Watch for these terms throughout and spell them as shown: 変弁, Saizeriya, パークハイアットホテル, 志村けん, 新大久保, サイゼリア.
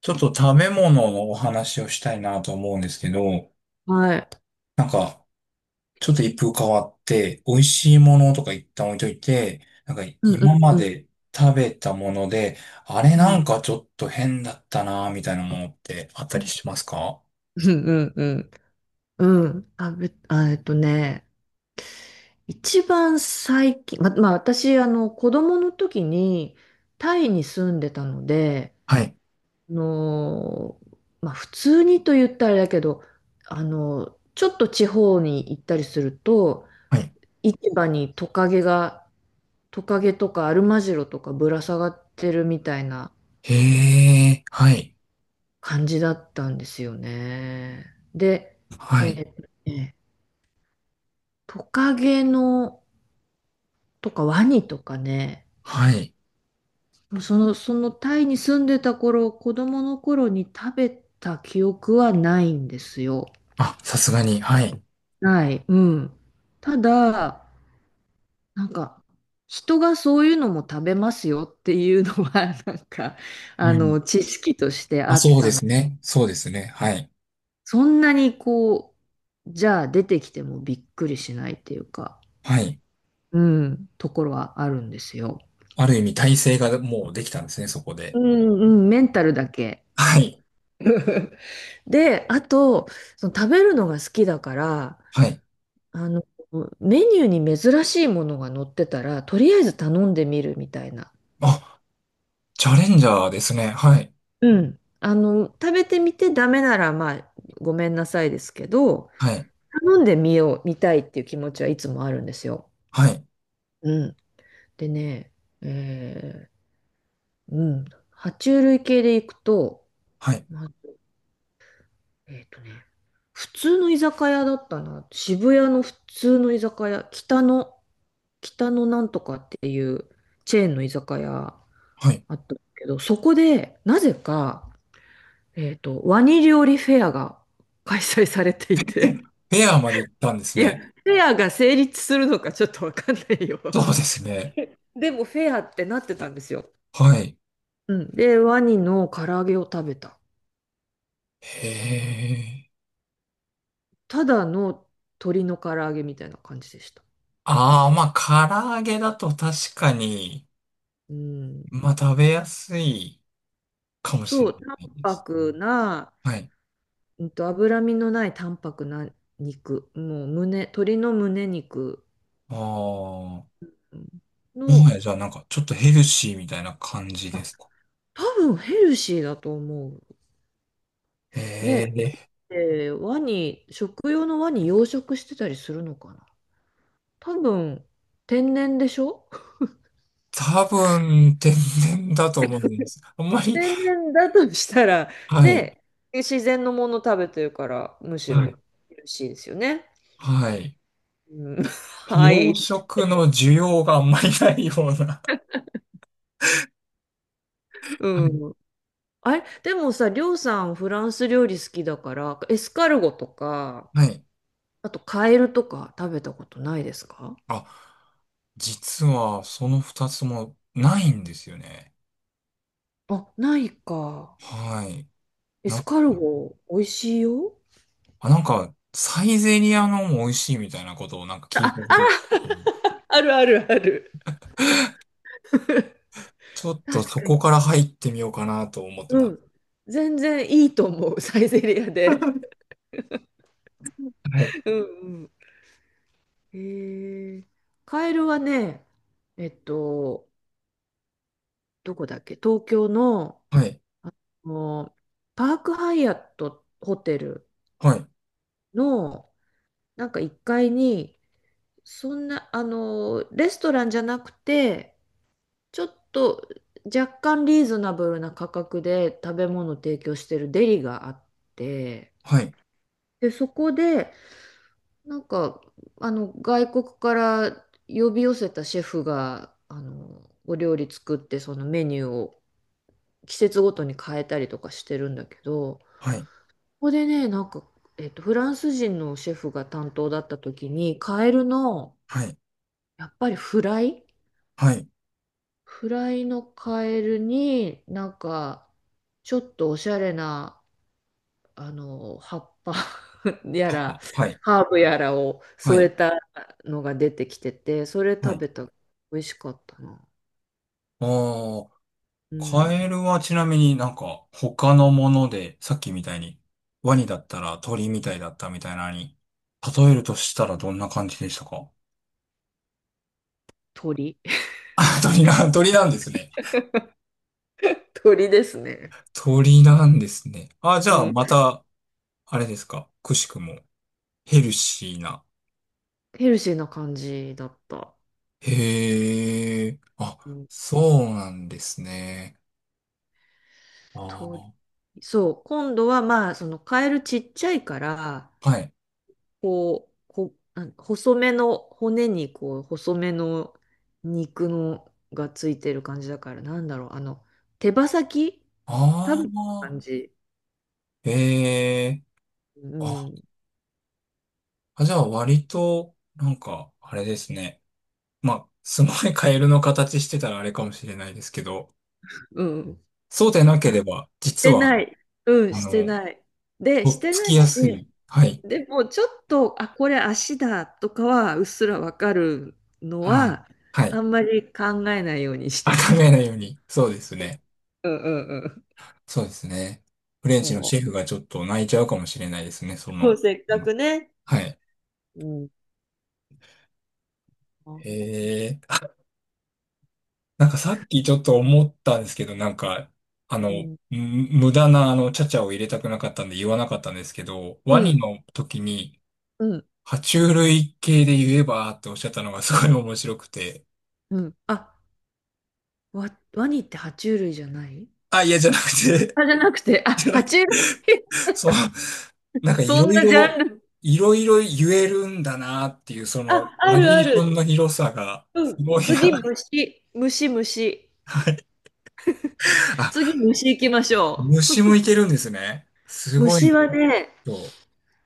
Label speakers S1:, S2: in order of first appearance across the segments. S1: ちょっと食べ物のお話をしたいなと思うんですけど、
S2: はい。
S1: なんか、ちょっと一風変わって、美味しいものとか一旦置いといて、
S2: うんう
S1: 今ま
S2: んうん
S1: で食べたもので、あれ
S2: う
S1: な
S2: ん。
S1: んかちょっと変だったなみたいなものってあった
S2: う
S1: り
S2: ん
S1: しますか？
S2: うんうん。うん。あ、あ、一番最近、まあ私、子供の時にタイに住んでたので、
S1: はい。
S2: あのー、まあ普通にと言ったらあれだけど、ちょっと地方に行ったりすると、
S1: はい。
S2: 市場にトカゲとかアルマジロとかぶら下がってるみたいな
S1: へえ、はい。
S2: 感じだったんですよね。で、
S1: は
S2: え
S1: い。
S2: ーとねトカゲのとかワニとかね、
S1: はい。
S2: もうそのタイに住んでた頃、子供の頃に食べた記憶はないんですよ。
S1: あ、さすがに。はい。
S2: ない。うん。ただ、なんか、人がそういうのも食べますよっていうのは、なんか、
S1: うん。
S2: 知識として
S1: あ、
S2: あっ
S1: そうで
S2: たの。
S1: すね。そうですね。はい。
S2: そんなにこう、じゃあ出てきてもびっくりしないっていうか。
S1: はい。
S2: うん、ところはあるんですよ。
S1: ある意味体制がもうできたんですね、そこで。
S2: うんうん、メンタルだけ。
S1: はい。
S2: で、あと、その食べるのが好きだから、
S1: はい。
S2: あの、メニューに珍しいものが載ってたら、とりあえず頼んでみるみたいな。
S1: あ、チャレンジャーですね。はい。
S2: うん。食べてみてダメなら、まあ、ごめんなさいですけど、
S1: はい。
S2: 頼んでみよう、見たいっていう気持ちはいつもあるんですよ。
S1: はい。
S2: うん。でね、えうん。爬虫類系でいくと、
S1: はい。
S2: まあえっとね、普通の居酒屋だったな。渋谷の普通の居酒屋、北のなんとかっていうチェーンの居酒屋
S1: はい。
S2: あったけど、そこで、なぜか、ワニ料理フェアが 開催されていて、
S1: ペアまで行ったんです
S2: いや、
S1: ね。
S2: フェアが成立するのかちょっとわかんないよ。
S1: そうですね。
S2: でもフェアってなってたんですよ。
S1: はい。
S2: うん。で、ワニの唐揚げを食べた。
S1: へえ。
S2: ただの鶏の唐揚げみたいな感じでした。
S1: ああ、まあ、唐揚げだと確かに、
S2: うん。
S1: まあ、食べやすいかもし
S2: そ
S1: れ
S2: う、淡
S1: ないですね。
S2: 白な、
S1: はい。
S2: 脂身のない淡白な肉、もう胸、鶏の胸肉
S1: ああ、もは
S2: の、
S1: やじゃあなんかちょっとヘルシーみたいな感じ
S2: ま
S1: で
S2: あ、
S1: すか？
S2: 多分ヘルシーだと思う。ね、
S1: へえ。
S2: で、食用のワニ養殖してたりするのかな。多分、天然でしょ。
S1: 多分、天然だと思うんです。あんまり、
S2: 天然だとしたら、
S1: はい。
S2: ね、自然のもの食べてるから、むし
S1: はい。
S2: ろヘルシーですよね。
S1: はい。
S2: うん、は
S1: 洋
S2: い。
S1: 食の需要があんまりないような。は
S2: う
S1: い。
S2: ん。あれ、でもさ、りょうさんフランス料理好きだから、エスカルゴとか、
S1: はい。
S2: あとカエルとか食べたことないですか？
S1: あ、実はその二つもないんですよね。
S2: あ、ないか。
S1: はい。
S2: エ
S1: な
S2: ス
S1: んか
S2: カル
S1: ね、
S2: ゴ、美味しいよ。
S1: あ、サイゼリアのも美味しいみたいなことを聞いたこ
S2: あ、
S1: とがあって、
S2: あるあるある。
S1: ちょっと
S2: 確
S1: そ
S2: か
S1: こ
S2: に。
S1: から入ってみようかなと思って
S2: う
S1: ます。
S2: ん。全然いいと思う、サイゼリアで。
S1: はい。
S2: うんうん。へえ。カエルはね、えっと、どこだっけ東京の、
S1: はい。
S2: あの、パークハイアットホテル
S1: はい。
S2: の、なんか1階に、そんな、レストランじゃなくて、ちょっと若干リーズナブルな価格で食べ物を提供してるデリがあって、
S1: はい。
S2: で、そこで、なんか、外国から呼び寄せたシェフが、お料理作って、そのメニューを季節ごとに変えたりとかしてるんだけど、
S1: はい。
S2: ここでね、なんか、フランス人のシェフが担当だった時に、カエルの、
S1: はい。
S2: やっぱりフライ
S1: はい。
S2: フライのカエルになんかちょっとおしゃれな葉っぱ やら
S1: はい。
S2: ハーブやらを
S1: は
S2: 添え
S1: い。
S2: たのが出てきてて、それ
S1: はい。はい、
S2: 食
S1: は
S2: べ
S1: い、
S2: た。美味しかったな。
S1: ああ。
S2: う
S1: カ
S2: ん。
S1: エルはちなみに他のもので、さっきみたいにワニだったら鳥みたいだったみたいなのに、例えるとしたらどんな感じでしたか？
S2: 鳥。
S1: あ、鳥な、鳥なんですね。
S2: 鳥ですね。
S1: 鳥なんですね。あ、じ
S2: う
S1: ゃあ
S2: ん、
S1: また、あれですか。くしくもヘルシーな。
S2: ヘルシーな感じだった、
S1: へえ、あ、
S2: うん、
S1: そうなんですね。
S2: 鳥。
S1: ああ、
S2: そう、今度はまあそのカエルちっちゃいから、
S1: はい。
S2: こう、あ、細めの骨にこう、細めの肉のがついてる感じだから、なんだろう、手羽先食
S1: あ
S2: べた
S1: あ、
S2: 感じ。
S1: へえ、
S2: う
S1: あ、
S2: ん、
S1: あ、じゃあ割と、あれですね。まあ、すごいカエルの形してたらあれかもしれないですけど、
S2: うん。し
S1: そうでなければ、実
S2: て
S1: は、
S2: ない。うん、
S1: あ
S2: して
S1: の、
S2: ない。で、し
S1: とっ
S2: て
S1: つ
S2: な
S1: き
S2: い
S1: や
S2: し、
S1: すい。はい。
S2: でもちょっと、あ、これ足だとかはうっすらわかるの
S1: あ、
S2: は、
S1: は
S2: あ
S1: い。
S2: んまり考えないようにし
S1: あ、
S2: てた。
S1: 考えないように。そうですね。
S2: うんうんうん。
S1: そうですね。フレンチの
S2: そ
S1: シ
S2: う。
S1: ェフがちょっと泣いちゃうかもしれないですね、そ
S2: そう、
S1: の。
S2: せっか
S1: うん、
S2: くね。
S1: はい。
S2: うん。う
S1: へえ。なんかさっきちょっと思ったんですけど、
S2: ん。
S1: 無駄なあの、ちゃちゃを入れたくなかったんで言わなかったんですけど、
S2: う
S1: ワニ
S2: ん。
S1: の時に、
S2: うん。
S1: 爬虫類系で言えばっておっしゃったのがすごい面白くて。
S2: うん。あ、ワニって爬虫類じゃない？
S1: あ、いや、じゃなくて、
S2: あ、じゃなくて、あ、爬虫類。
S1: そう、い
S2: そ
S1: ろ
S2: ん
S1: い
S2: なジャン
S1: ろ、
S2: ル。
S1: いろいろ言えるんだなっていう、その、
S2: あ、あ
S1: バ
S2: る
S1: リエ
S2: あ
S1: ーション
S2: る。
S1: の広さが、
S2: う
S1: す
S2: ん。
S1: ごい
S2: 次、
S1: な。
S2: 虫。虫、虫。
S1: はい。あ、
S2: 次、虫行きましょ
S1: 虫もいけるんですね。す
S2: う。
S1: ごい
S2: 虫
S1: な、
S2: はね、
S1: 今日。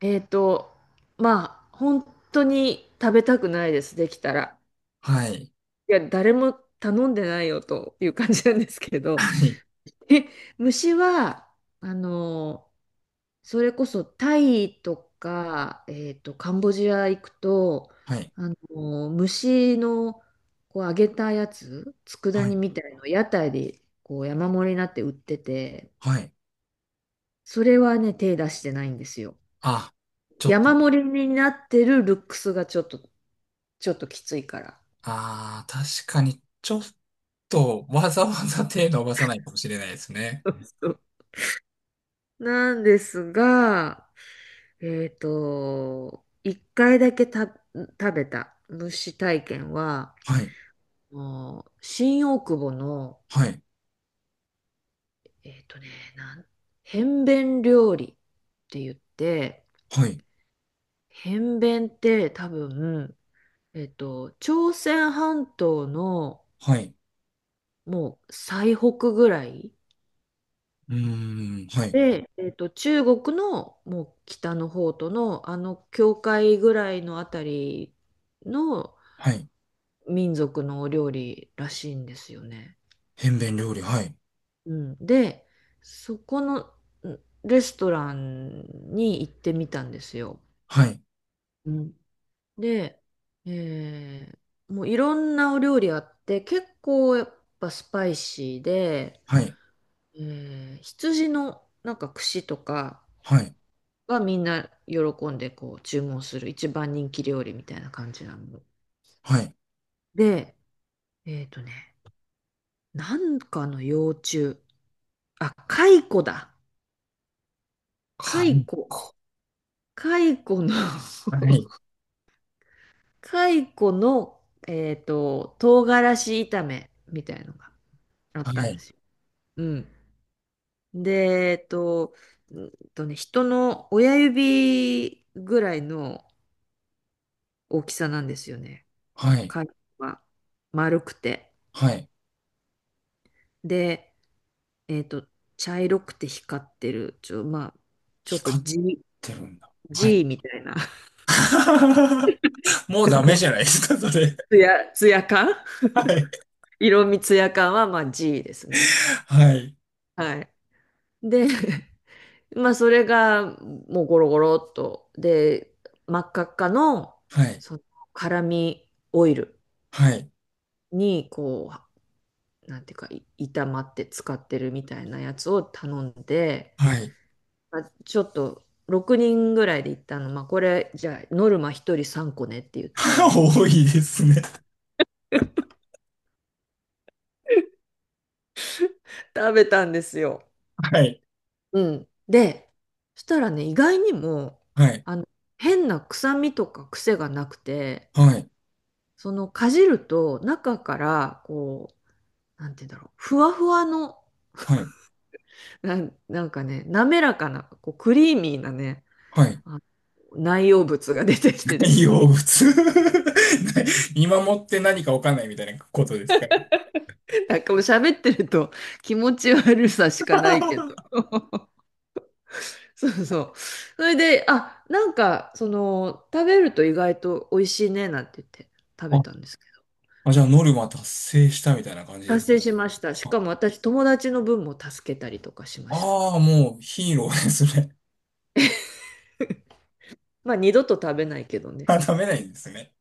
S2: えっと、まあ、本当に食べたくないです、できたら。
S1: はい。
S2: いや、誰も頼んでないよという感じなんですけど。
S1: はい。
S2: え、虫は、あの、それこそタイとか、カンボジア行くと、
S1: はい。
S2: 虫のこう揚げたやつ、佃
S1: は
S2: 煮
S1: い。
S2: みたいの屋台でこう山盛りになって売ってて、
S1: はい。
S2: それはね、手出してないんですよ。
S1: あ、ちょっと、
S2: 山盛りになってるルックスがちょっと、きついから。
S1: ああ、確かに、ちょっと、わざわざ手伸ばさないかもしれないですね。
S2: そうそうなんですが、一回だけ食べた虫体験は、
S1: はい。
S2: あの新大久保の
S1: はい。
S2: えっとね、なん、変弁料理って言って、
S1: はい。
S2: 変弁って多分、朝鮮半島の
S1: はい。
S2: もう最北ぐらい
S1: うーん、はい、
S2: で、中国のもう北の方とのあの境界ぐらいのあたりの
S1: はい。
S2: 民族のお料理らしいんですよね。
S1: 変弁料理、はい、
S2: うん、で、そこのんレストランに行ってみたんですよ。
S1: はい、
S2: うん、で、えーもういろんなお料理あって、結構やっぱスパイシーで、
S1: はい、
S2: 羊のなんか串とか
S1: はい、
S2: はみんな喜んでこう注文する一番人気料理みたいな感じなの。
S1: はい、
S2: で、えっとね、なんかの幼虫。あ、蚕だ。蚕。蚕の
S1: はい、
S2: 蚕の、唐辛子炒めみたいのがあ
S1: は
S2: っ
S1: い、
S2: た
S1: は
S2: んで
S1: い、
S2: すよ。うん。で、えっと、人の親指ぐらいの大きさなんですよね。
S1: はい、
S2: 貝は丸くて。
S1: はい。
S2: で、えっと、茶色くて光ってる、まあ、ちょっと
S1: 光っ
S2: G、
S1: てるんだ。は
S2: G
S1: い。
S2: みたいな、
S1: もうダメ じゃないですか、それ。
S2: ツヤ感、
S1: はい、
S2: 色味ツヤ感は、まあ G ですね。
S1: はい、
S2: はい。で、まあ、それが、もうゴロゴロっと。で、真っ赤っかの、
S1: はい、
S2: その、辛味オイル
S1: はい、
S2: にこうなんていうか炒まって使ってるみたいなやつを頼んで、
S1: はい。
S2: まあ、ちょっと6人ぐらいで行ったの、まあ、これじゃあノルマ1人3個ねって言っ て
S1: 多いですね。
S2: 食べたんですよ。
S1: はい、
S2: うん、で、そしたらね、意外にも
S1: はい、
S2: あの変な臭みとか癖がなくて、
S1: はい、
S2: そのかじると中からこう、なんて言うんだろう、ふわふわの
S1: はい、
S2: なんかね、滑らかなこうクリーミーなね、
S1: はい。
S2: あ内容物が出てきてで
S1: 海
S2: すね。
S1: 洋物 見守って何かわかんないみたいなことですかね。
S2: なんかもう喋ってると気持ち悪さしかないけど。そうそう。それで、あ、なんか、その、食べると意外と美味しいねなんて言って食べたんですけど。
S1: あ、じゃあノルマ達成したみたいな感じです
S2: 達
S1: か？
S2: 成しました。し
S1: あ、
S2: かも私、友達の分も助けたりとかしました。
S1: ああ、もうヒーローですね。
S2: まあ、二度と食べないけど ね。
S1: あ、ダメないんですね。